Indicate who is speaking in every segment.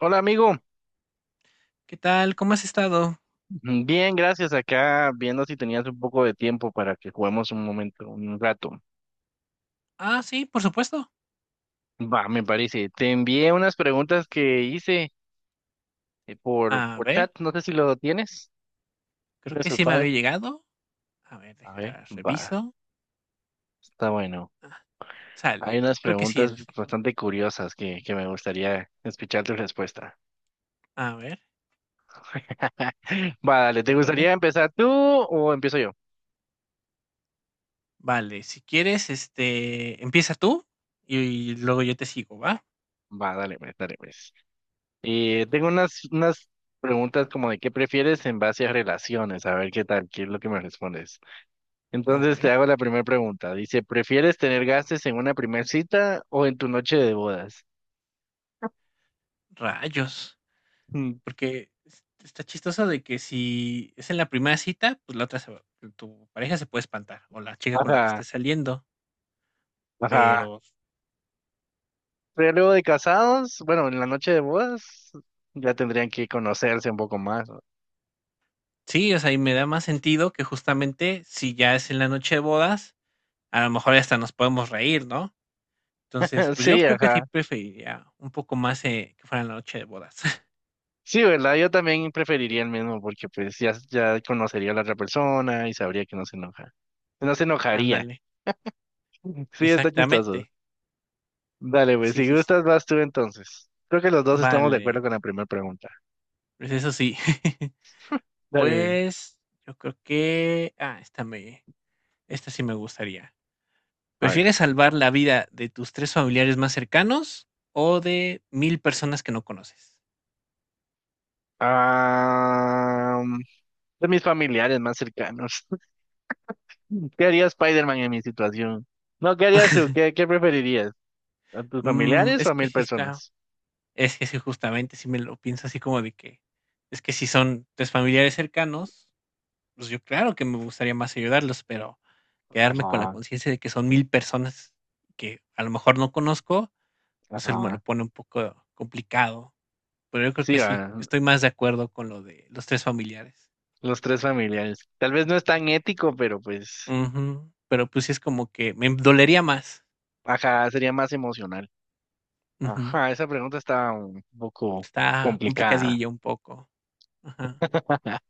Speaker 1: Hola amigo,
Speaker 2: ¿Qué tal? ¿Cómo has estado?
Speaker 1: bien, gracias. Acá viendo si tenías un poco de tiempo para que juguemos un momento, un rato.
Speaker 2: Ah, sí, por supuesto.
Speaker 1: Va, me parece. Te envié unas preguntas que hice por,
Speaker 2: A
Speaker 1: por
Speaker 2: ver,
Speaker 1: chat, no sé si lo tienes.
Speaker 2: creo
Speaker 1: ¿Tienes
Speaker 2: que
Speaker 1: el
Speaker 2: sí me había
Speaker 1: file?
Speaker 2: llegado. A ver,
Speaker 1: A ver,
Speaker 2: deja,
Speaker 1: va,
Speaker 2: reviso.
Speaker 1: está bueno. Hay
Speaker 2: Sale.
Speaker 1: unas
Speaker 2: Creo que sí,
Speaker 1: preguntas
Speaker 2: enlace.
Speaker 1: bastante curiosas que me gustaría escuchar tu respuesta.
Speaker 2: A ver,
Speaker 1: Va, dale,
Speaker 2: te
Speaker 1: ¿te
Speaker 2: volé.
Speaker 1: gustaría empezar tú o empiezo yo?
Speaker 2: Vale, si quieres, empieza tú y, luego yo te sigo, ¿va?
Speaker 1: Va, dale, pues, dale, pues. Y tengo unas preguntas como de qué prefieres en base a relaciones, a ver qué tal, qué es lo que me respondes.
Speaker 2: A
Speaker 1: Entonces te
Speaker 2: ver,
Speaker 1: hago la primera pregunta. Dice, ¿prefieres tener gases en una primera cita o en tu noche de bodas?
Speaker 2: rayos.
Speaker 1: Mm.
Speaker 2: Porque está chistoso de que si es en la primera cita, pues la otra, tu pareja se puede espantar o la chica con la que
Speaker 1: Ajá,
Speaker 2: estés saliendo.
Speaker 1: ajá.
Speaker 2: Pero
Speaker 1: Pero luego de casados, bueno, en la noche de bodas ya tendrían que conocerse un poco más, ¿no?
Speaker 2: sí, o sea, y me da más sentido que justamente si ya es en la noche de bodas a lo mejor hasta nos podemos reír, ¿no? Entonces, pues yo
Speaker 1: Sí,
Speaker 2: creo que sí
Speaker 1: ajá.
Speaker 2: preferiría un poco más que fuera la noche de bodas.
Speaker 1: Sí, ¿verdad? Yo también preferiría el mismo porque pues ya conocería a la otra persona y sabría que no se enoja. No se enojaría.
Speaker 2: Ándale,
Speaker 1: Sí, está chistoso.
Speaker 2: exactamente.
Speaker 1: Dale, güey,
Speaker 2: Sí,
Speaker 1: si
Speaker 2: sí, sí.
Speaker 1: gustas, vas tú entonces. Creo que los dos estamos de acuerdo
Speaker 2: Vale,
Speaker 1: con la primera pregunta.
Speaker 2: pues eso sí.
Speaker 1: Dale, güey.
Speaker 2: Pues yo creo que... Ah, esta me... Esta sí me gustaría.
Speaker 1: A ver.
Speaker 2: ¿Prefieres salvar la vida de tus tres familiares más cercanos o de 1.000 personas que no conoces?
Speaker 1: Ah, de mis familiares más cercanos. ¿Qué haría Spider-Man en mi situación? No, ¿qué harías tú? ¿Qué preferirías? ¿A tus familiares o
Speaker 2: Es
Speaker 1: a
Speaker 2: que
Speaker 1: 1.000
Speaker 2: sí está.
Speaker 1: personas?
Speaker 2: Es que sí, justamente, si me lo pienso así como de que. Es que si son tres familiares cercanos, pues yo claro que me gustaría más ayudarlos, pero quedarme con la
Speaker 1: Ajá,
Speaker 2: conciencia de que son 1.000 personas que a lo mejor no conozco, pues él me lo
Speaker 1: ajá.
Speaker 2: pone un poco complicado. Pero yo creo
Speaker 1: Sí,
Speaker 2: que sí,
Speaker 1: a
Speaker 2: estoy más de acuerdo con lo de los tres familiares.
Speaker 1: los tres familiares. Tal vez no es tan ético, pero pues,
Speaker 2: Ujú, pero pues sí es como que me dolería más.
Speaker 1: ajá, sería más emocional.
Speaker 2: Ujú,
Speaker 1: Ajá, esa pregunta está un poco
Speaker 2: está
Speaker 1: complicada.
Speaker 2: complicadillo un poco. Ajá,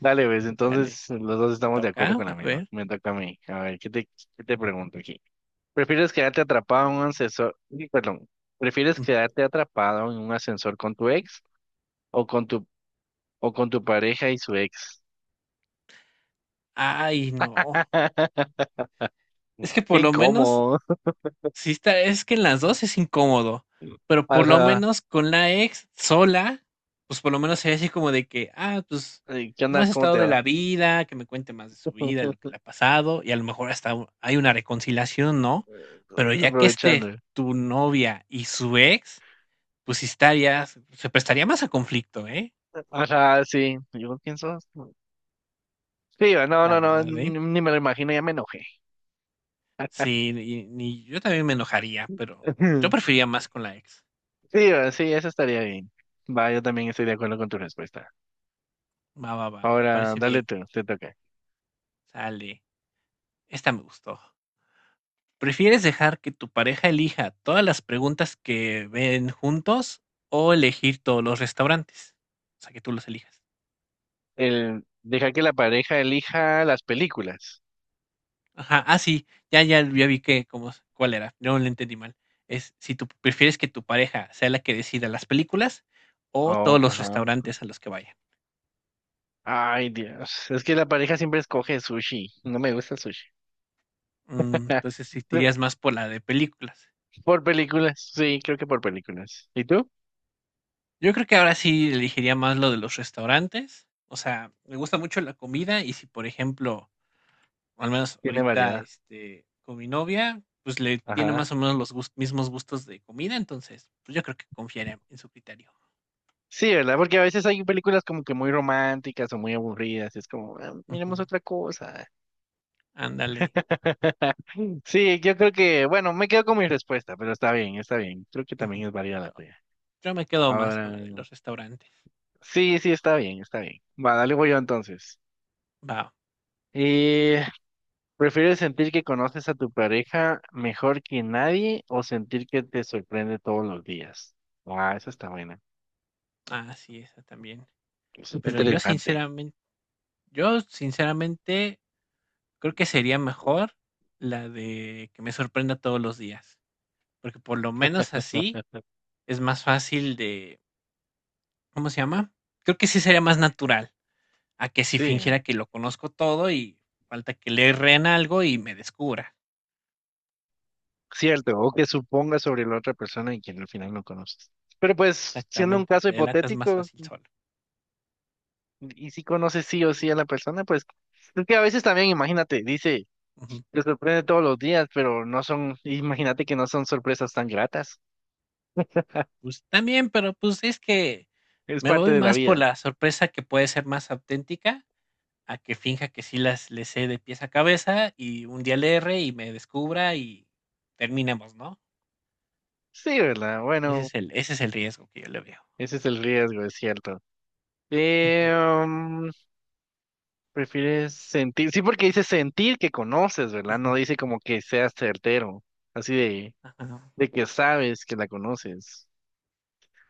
Speaker 1: Dale, ves,
Speaker 2: sale,
Speaker 1: entonces los dos
Speaker 2: te
Speaker 1: estamos de acuerdo
Speaker 2: toca,
Speaker 1: con la
Speaker 2: a
Speaker 1: misma.
Speaker 2: ver.
Speaker 1: Me toca a mí. A ver, ¿qué te pregunto aquí? ¿Prefieres quedarte atrapado en un ascensor? Uy, perdón. ¿Prefieres
Speaker 2: Ujú.
Speaker 1: quedarte atrapado en un ascensor con tu ex o con tu o con tu pareja y su ex?
Speaker 2: Ay, no. Es que
Speaker 1: Qué
Speaker 2: por lo menos
Speaker 1: incómodo.
Speaker 2: sí está, es que en las dos es incómodo, pero por lo
Speaker 1: Ajá.
Speaker 2: menos con la ex sola, pues por lo menos sería así como de que, ah, pues,
Speaker 1: Ay, ¿qué
Speaker 2: ¿cómo
Speaker 1: onda?
Speaker 2: has
Speaker 1: ¿Cómo
Speaker 2: estado
Speaker 1: te
Speaker 2: de
Speaker 1: va?
Speaker 2: la vida? Que me cuente más de su vida, lo que le ha pasado, y a lo mejor hasta hay una reconciliación, ¿no? Pero ya que esté
Speaker 1: Aprovechando.
Speaker 2: tu novia y su ex, pues sí estaría, se prestaría más a conflicto, ¿eh?
Speaker 1: Ajá, sí. ¿Yo quién sos? Sí, no,
Speaker 2: La
Speaker 1: no, no,
Speaker 2: verdad,
Speaker 1: ni
Speaker 2: ¿eh?
Speaker 1: ni me lo imagino, ya me enojé.
Speaker 2: Sí, y, ni yo también me enojaría, pero yo preferiría más con la ex.
Speaker 1: Sí, va, sí, eso estaría bien. Va, yo también estoy de acuerdo con tu respuesta.
Speaker 2: Va, va, va, me
Speaker 1: Ahora,
Speaker 2: parece
Speaker 1: dale
Speaker 2: bien.
Speaker 1: tú, te toca.
Speaker 2: Sale. Esta me gustó. ¿Prefieres dejar que tu pareja elija todas las preguntas que ven juntos o elegir todos los restaurantes? O sea, que tú los elijas.
Speaker 1: Deja que la pareja elija las películas.
Speaker 2: Ajá, ah, sí, ya, ya, ya vi que, cómo, cuál era, no lo entendí mal. Es si tú prefieres que tu pareja sea la que decida las películas o
Speaker 1: Oh,
Speaker 2: todos los
Speaker 1: ajá.
Speaker 2: restaurantes a los que vaya.
Speaker 1: Ay, Dios. Es que la pareja siempre escoge sushi. No me gusta el sushi.
Speaker 2: Mm, entonces, si te irías más por la de películas.
Speaker 1: Por películas, sí, creo que por películas. ¿Y tú?
Speaker 2: Yo creo que ahora sí elegiría más lo de los restaurantes. O sea, me gusta mucho la comida y si, por ejemplo, al menos
Speaker 1: Tiene
Speaker 2: ahorita,
Speaker 1: variedad.
Speaker 2: con mi novia, pues, le tiene
Speaker 1: Ajá.
Speaker 2: más o menos los gus mismos gustos de comida, entonces, pues, yo creo que confiaré en su criterio.
Speaker 1: Sí, ¿verdad? Porque a veces hay películas como que muy románticas o muy aburridas, y es como, "Ah,
Speaker 2: Ujú,
Speaker 1: miremos otra cosa."
Speaker 2: ándale,
Speaker 1: Sí, yo creo que, bueno, me quedo con mi respuesta, pero está bien, está bien. Creo que
Speaker 2: ujú.
Speaker 1: también es válida la
Speaker 2: Yo
Speaker 1: tuya.
Speaker 2: yo me quedo más con
Speaker 1: Ahora,
Speaker 2: la de los restaurantes.
Speaker 1: sí, sí, está bien, está bien. Va, dale, voy yo entonces.
Speaker 2: Va,
Speaker 1: Eh, ¿Prefieres sentir que conoces a tu pareja mejor que nadie o sentir que te sorprende todos los días? Ah, esa está buena.
Speaker 2: ah sí esa también. Pero yo
Speaker 1: Interesante.
Speaker 2: sinceramente yo sinceramente creo que sería mejor la de que me sorprenda todos los días, porque por lo menos así es más fácil de, ¿cómo se llama? Creo que sí sería más natural. A que si
Speaker 1: Sí,
Speaker 2: fingiera que lo conozco todo y falta que le erren algo y me descubra.
Speaker 1: cierto, o que supongas sobre la otra persona y que al final no conoces. Pero pues, siendo un
Speaker 2: Exactamente,
Speaker 1: caso
Speaker 2: te delatas más
Speaker 1: hipotético,
Speaker 2: fácil solo.
Speaker 1: Y si conoces sí o sí a la persona, pues es que a veces también, imagínate, dice,
Speaker 2: Ujú.
Speaker 1: te sorprende todos los días, pero no son, imagínate que no son sorpresas tan gratas.
Speaker 2: Pues, también, pero, pues, es que
Speaker 1: Es
Speaker 2: me
Speaker 1: parte
Speaker 2: voy
Speaker 1: de la
Speaker 2: más por
Speaker 1: vida.
Speaker 2: la sorpresa que puede ser más auténtica, a que finja que sí las le sé de pies a cabeza y un día le erre y me descubra y terminemos, ¿no?
Speaker 1: Sí, ¿verdad? Bueno,
Speaker 2: Ese es el riesgo que yo le veo.
Speaker 1: ese es el riesgo, es cierto. Eh,
Speaker 2: Ujú,
Speaker 1: mm, prefieres sentir, sí, porque dice sentir que conoces, ¿verdad?
Speaker 2: ujú,
Speaker 1: No dice como que seas certero, así de,
Speaker 2: ajá,
Speaker 1: de que sabes que la conoces.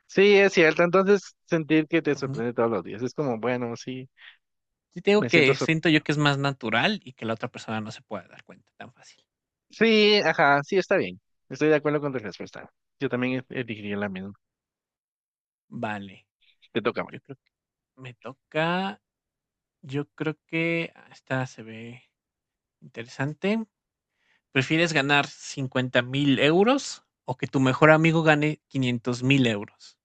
Speaker 1: Sí, es cierto. Entonces, sentir que te
Speaker 2: ujú.
Speaker 1: sorprende todos los días es como, bueno, sí,
Speaker 2: Sí te
Speaker 1: me
Speaker 2: digo
Speaker 1: siento
Speaker 2: que siento yo
Speaker 1: sorprendido.
Speaker 2: que es más natural y que la otra persona no se pueda dar cuenta tan fácil.
Speaker 1: Sí, ajá, sí, está bien. Estoy de acuerdo con tu respuesta. Yo también elegiría la misma.
Speaker 2: Vale.
Speaker 1: Te toca. Mike.
Speaker 2: Yo creo que me toca. Yo creo que esta se ve interesante. ¿Prefieres ganar 50.000 euros o que tu mejor amigo gane 500.000 euros?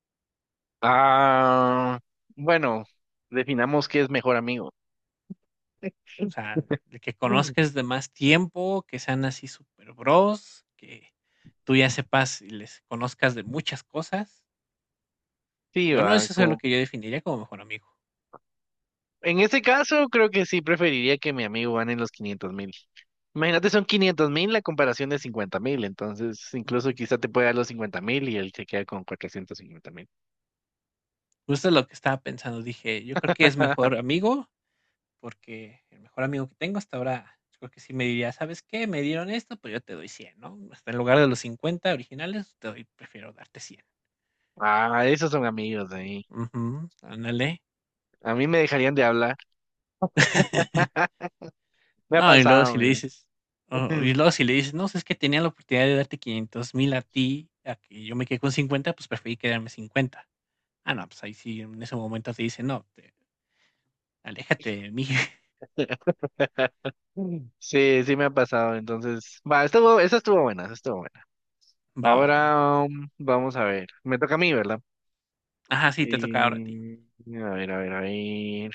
Speaker 1: Ah, bueno, definamos qué es mejor amigo.
Speaker 2: O sea, el que
Speaker 1: Mm.
Speaker 2: conozcas de más tiempo, que sean así super bros, que tú ya sepas y les conozcas de muchas cosas.
Speaker 1: Sí,
Speaker 2: Yo no,
Speaker 1: va,
Speaker 2: eso es lo
Speaker 1: como...
Speaker 2: que yo definiría como mejor amigo.
Speaker 1: En ese caso, creo que sí preferiría que mi amigo gane los 500.000. Imagínate, son 500.000 la comparación de 50.000. Entonces,
Speaker 2: Ujú.
Speaker 1: incluso quizá te puede dar los 50.000 y él se queda con 450.000.
Speaker 2: Justo lo que estaba pensando, dije, yo creo que es mejor amigo porque el mejor amigo que tengo hasta ahora, yo creo que sí me diría, ¿sabes qué? Me dieron esto, pues yo te doy cien, ¿no? Hasta en lugar de los 50 originales, te doy, prefiero darte cien.
Speaker 1: Ah, esos son amigos ahí.
Speaker 2: Ujú, ándale.
Speaker 1: A mí me dejarían de hablar. Me ha
Speaker 2: No,
Speaker 1: pasado, mira.
Speaker 2: y luego si le dices, no, es que tenía la oportunidad de darte 500.000 a ti, a que yo me quedé con 50 pues preferí quedarme cincuenta. Ah, no, pues ahí sí, en ese momento te dice, no, aléjate de mí,
Speaker 1: Mm. Sí, sí me ha pasado. Entonces, va, estuvo, esa estuvo buena, esa estuvo buena.
Speaker 2: va, va, va.
Speaker 1: Ahora vamos a ver. Me toca a mí, ¿verdad?
Speaker 2: Ajá, sí, te toca ahora a ti.
Speaker 1: Y, a ver, a ver, a ver.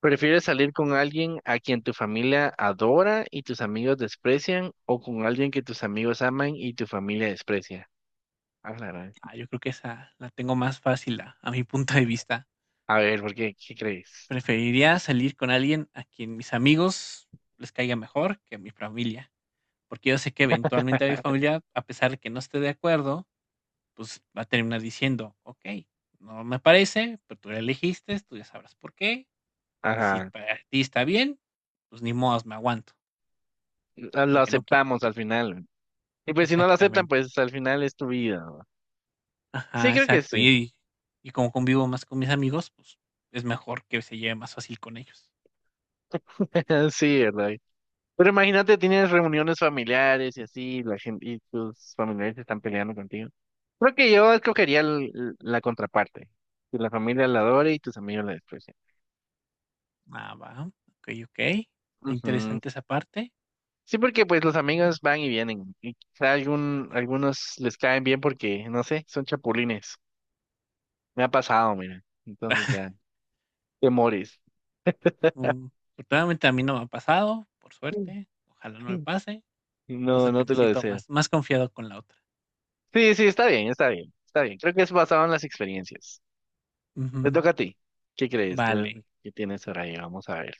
Speaker 1: ¿Prefieres salir con alguien a quien tu familia adora y tus amigos desprecian o con alguien que tus amigos aman y tu familia desprecia? Ah, la gran.
Speaker 2: Ah, yo creo que esa la tengo más fácil a mi punto de vista.
Speaker 1: A ver, ¿por qué? ¿Qué crees?
Speaker 2: Preferiría salir con alguien a quien mis amigos les caiga mejor que a mi familia, porque yo sé que eventualmente a mi familia, a pesar de que no esté de acuerdo, pues va a terminar diciendo, ok, no me parece, pero tú la elegiste, tú ya sabrás por qué, y si
Speaker 1: Ajá.
Speaker 2: para ti está bien, pues ni modos, me aguanto,
Speaker 1: Lo
Speaker 2: aunque no quiera.
Speaker 1: aceptamos al final. Y pues si no lo aceptan,
Speaker 2: Exactamente.
Speaker 1: pues al final es tu vida, ¿no? Sí,
Speaker 2: Ajá,
Speaker 1: creo que
Speaker 2: exacto.
Speaker 1: sí.
Speaker 2: Y como convivo más con mis amigos, pues es mejor que se lleve más fácil con ellos.
Speaker 1: Sí, ¿verdad? Pero imagínate, tienes reuniones familiares y así, la gente, y tus familiares están peleando contigo. Creo que yo escogería la contraparte, que la familia la adore y tus amigos la desprecian.
Speaker 2: Ah, va. Ok, ok. Está
Speaker 1: Ujú.
Speaker 2: interesante esa parte.
Speaker 1: Sí, porque pues los amigos van y vienen, y quizá algunos les caen bien porque, no sé, son chapulines. Me ha pasado, mira. Entonces ya, te morís.
Speaker 2: Mm, afortunadamente a mí no me ha pasado, por suerte, ojalá no me pase,
Speaker 1: No,
Speaker 2: entonces
Speaker 1: no
Speaker 2: que
Speaker 1: te
Speaker 2: me
Speaker 1: lo
Speaker 2: siento
Speaker 1: deseo.
Speaker 2: más, más confiado con la otra.
Speaker 1: Sí, sí, está bien, está bien, está bien. Creo que es basado en las experiencias. Te
Speaker 2: Ujú,
Speaker 1: toca a ti. ¿Qué crees? A ver,
Speaker 2: vale,
Speaker 1: ¿qué tienes por ahí? Vamos a ver.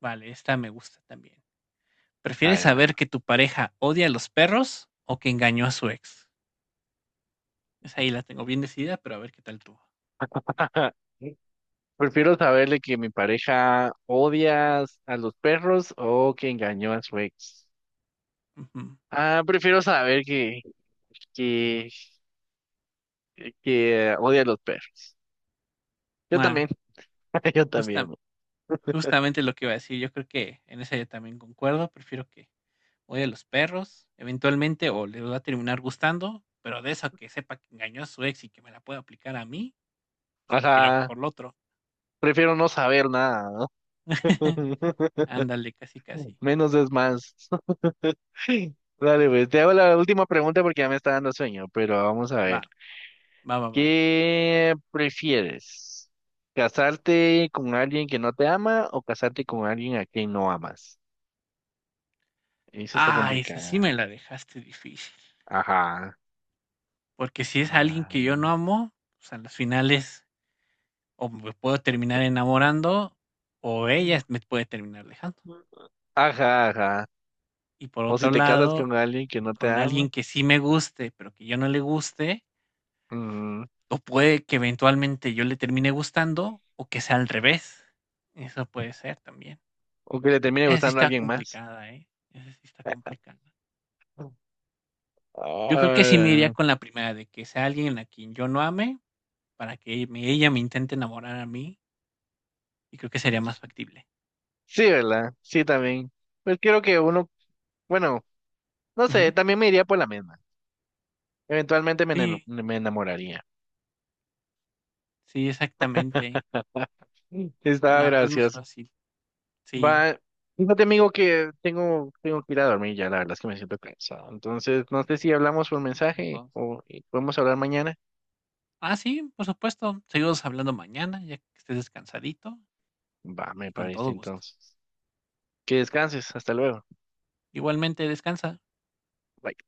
Speaker 2: vale, esta me gusta también.
Speaker 1: A
Speaker 2: ¿Prefieres
Speaker 1: ver, a ver.
Speaker 2: saber que tu pareja odia a los perros o que engañó a su ex? Esa ahí la tengo bien decidida, pero a ver qué tal tú.
Speaker 1: Prefiero saberle que mi pareja odia a los perros o que engañó a su ex.
Speaker 2: Ujú.
Speaker 1: Ah, prefiero saber que, que odia a los perros. Yo también,
Speaker 2: Ah,
Speaker 1: yo
Speaker 2: justa-
Speaker 1: también.
Speaker 2: justamente lo que iba a decir, yo creo que en esa yo también concuerdo, prefiero que odie a los perros, eventualmente, o le va a terminar gustando, pero de eso a que sepa que engañó a su ex y que me la pueda aplicar a mí, pues
Speaker 1: O
Speaker 2: prefiero
Speaker 1: sea,
Speaker 2: mejor lo otro.
Speaker 1: prefiero no saber nada, ¿no?
Speaker 2: Ándale, casi, casi.
Speaker 1: Menos es más. Dale, pues, te hago la última pregunta porque ya me está dando sueño, pero vamos a
Speaker 2: Va,
Speaker 1: ver.
Speaker 2: va, va, va.
Speaker 1: ¿Qué prefieres? ¿Casarte con alguien que no te ama o casarte con alguien a quien no amas? Eso está
Speaker 2: Ah, esa sí
Speaker 1: complicada.
Speaker 2: me la dejaste difícil.
Speaker 1: Ajá.
Speaker 2: Porque si es alguien que yo no
Speaker 1: Ay.
Speaker 2: amo, pues a las finales o me puedo terminar enamorando o ella me puede terminar dejando.
Speaker 1: Ajá, ajá.
Speaker 2: Y por
Speaker 1: O si
Speaker 2: otro
Speaker 1: te casas
Speaker 2: lado,
Speaker 1: con alguien que no te
Speaker 2: con
Speaker 1: ama.
Speaker 2: alguien que sí me guste, pero que yo no le guste,
Speaker 1: Mm.
Speaker 2: o puede que eventualmente yo le termine gustando o que sea al revés. Eso puede ser también.
Speaker 1: O que le termine
Speaker 2: Esa sí
Speaker 1: gustando a
Speaker 2: está
Speaker 1: alguien más.
Speaker 2: complicada, ¿eh? Esa sí está complicada. Yo creo que sí me iría
Speaker 1: Ah,
Speaker 2: con la primera, de que sea alguien a quien yo no ame, para que me ella me intente enamorar a mí, y creo que sería más factible.
Speaker 1: sí, ¿verdad? Sí, también. Pues creo que uno, bueno, no sé,
Speaker 2: Ujú.
Speaker 1: también me iría por la misma. Eventualmente
Speaker 2: Sí,
Speaker 1: me enamoraría.
Speaker 2: sí, exactamente. Es
Speaker 1: Estaba
Speaker 2: más es más
Speaker 1: gracioso.
Speaker 2: fácil. Sí,
Speaker 1: Va, fíjate amigo que tengo que ir a dormir ya, la verdad es que me siento cansado. Entonces, no sé si hablamos por
Speaker 2: lo hacemos
Speaker 1: mensaje
Speaker 2: 2.
Speaker 1: o y podemos hablar mañana.
Speaker 2: Ah, sí, por supuesto. Seguimos hablando mañana, ya que estés descansadito
Speaker 1: Va, me
Speaker 2: y con
Speaker 1: parece
Speaker 2: todo gusto.
Speaker 1: entonces. Que descanses, hasta luego.
Speaker 2: Igualmente, descansa.
Speaker 1: Bye.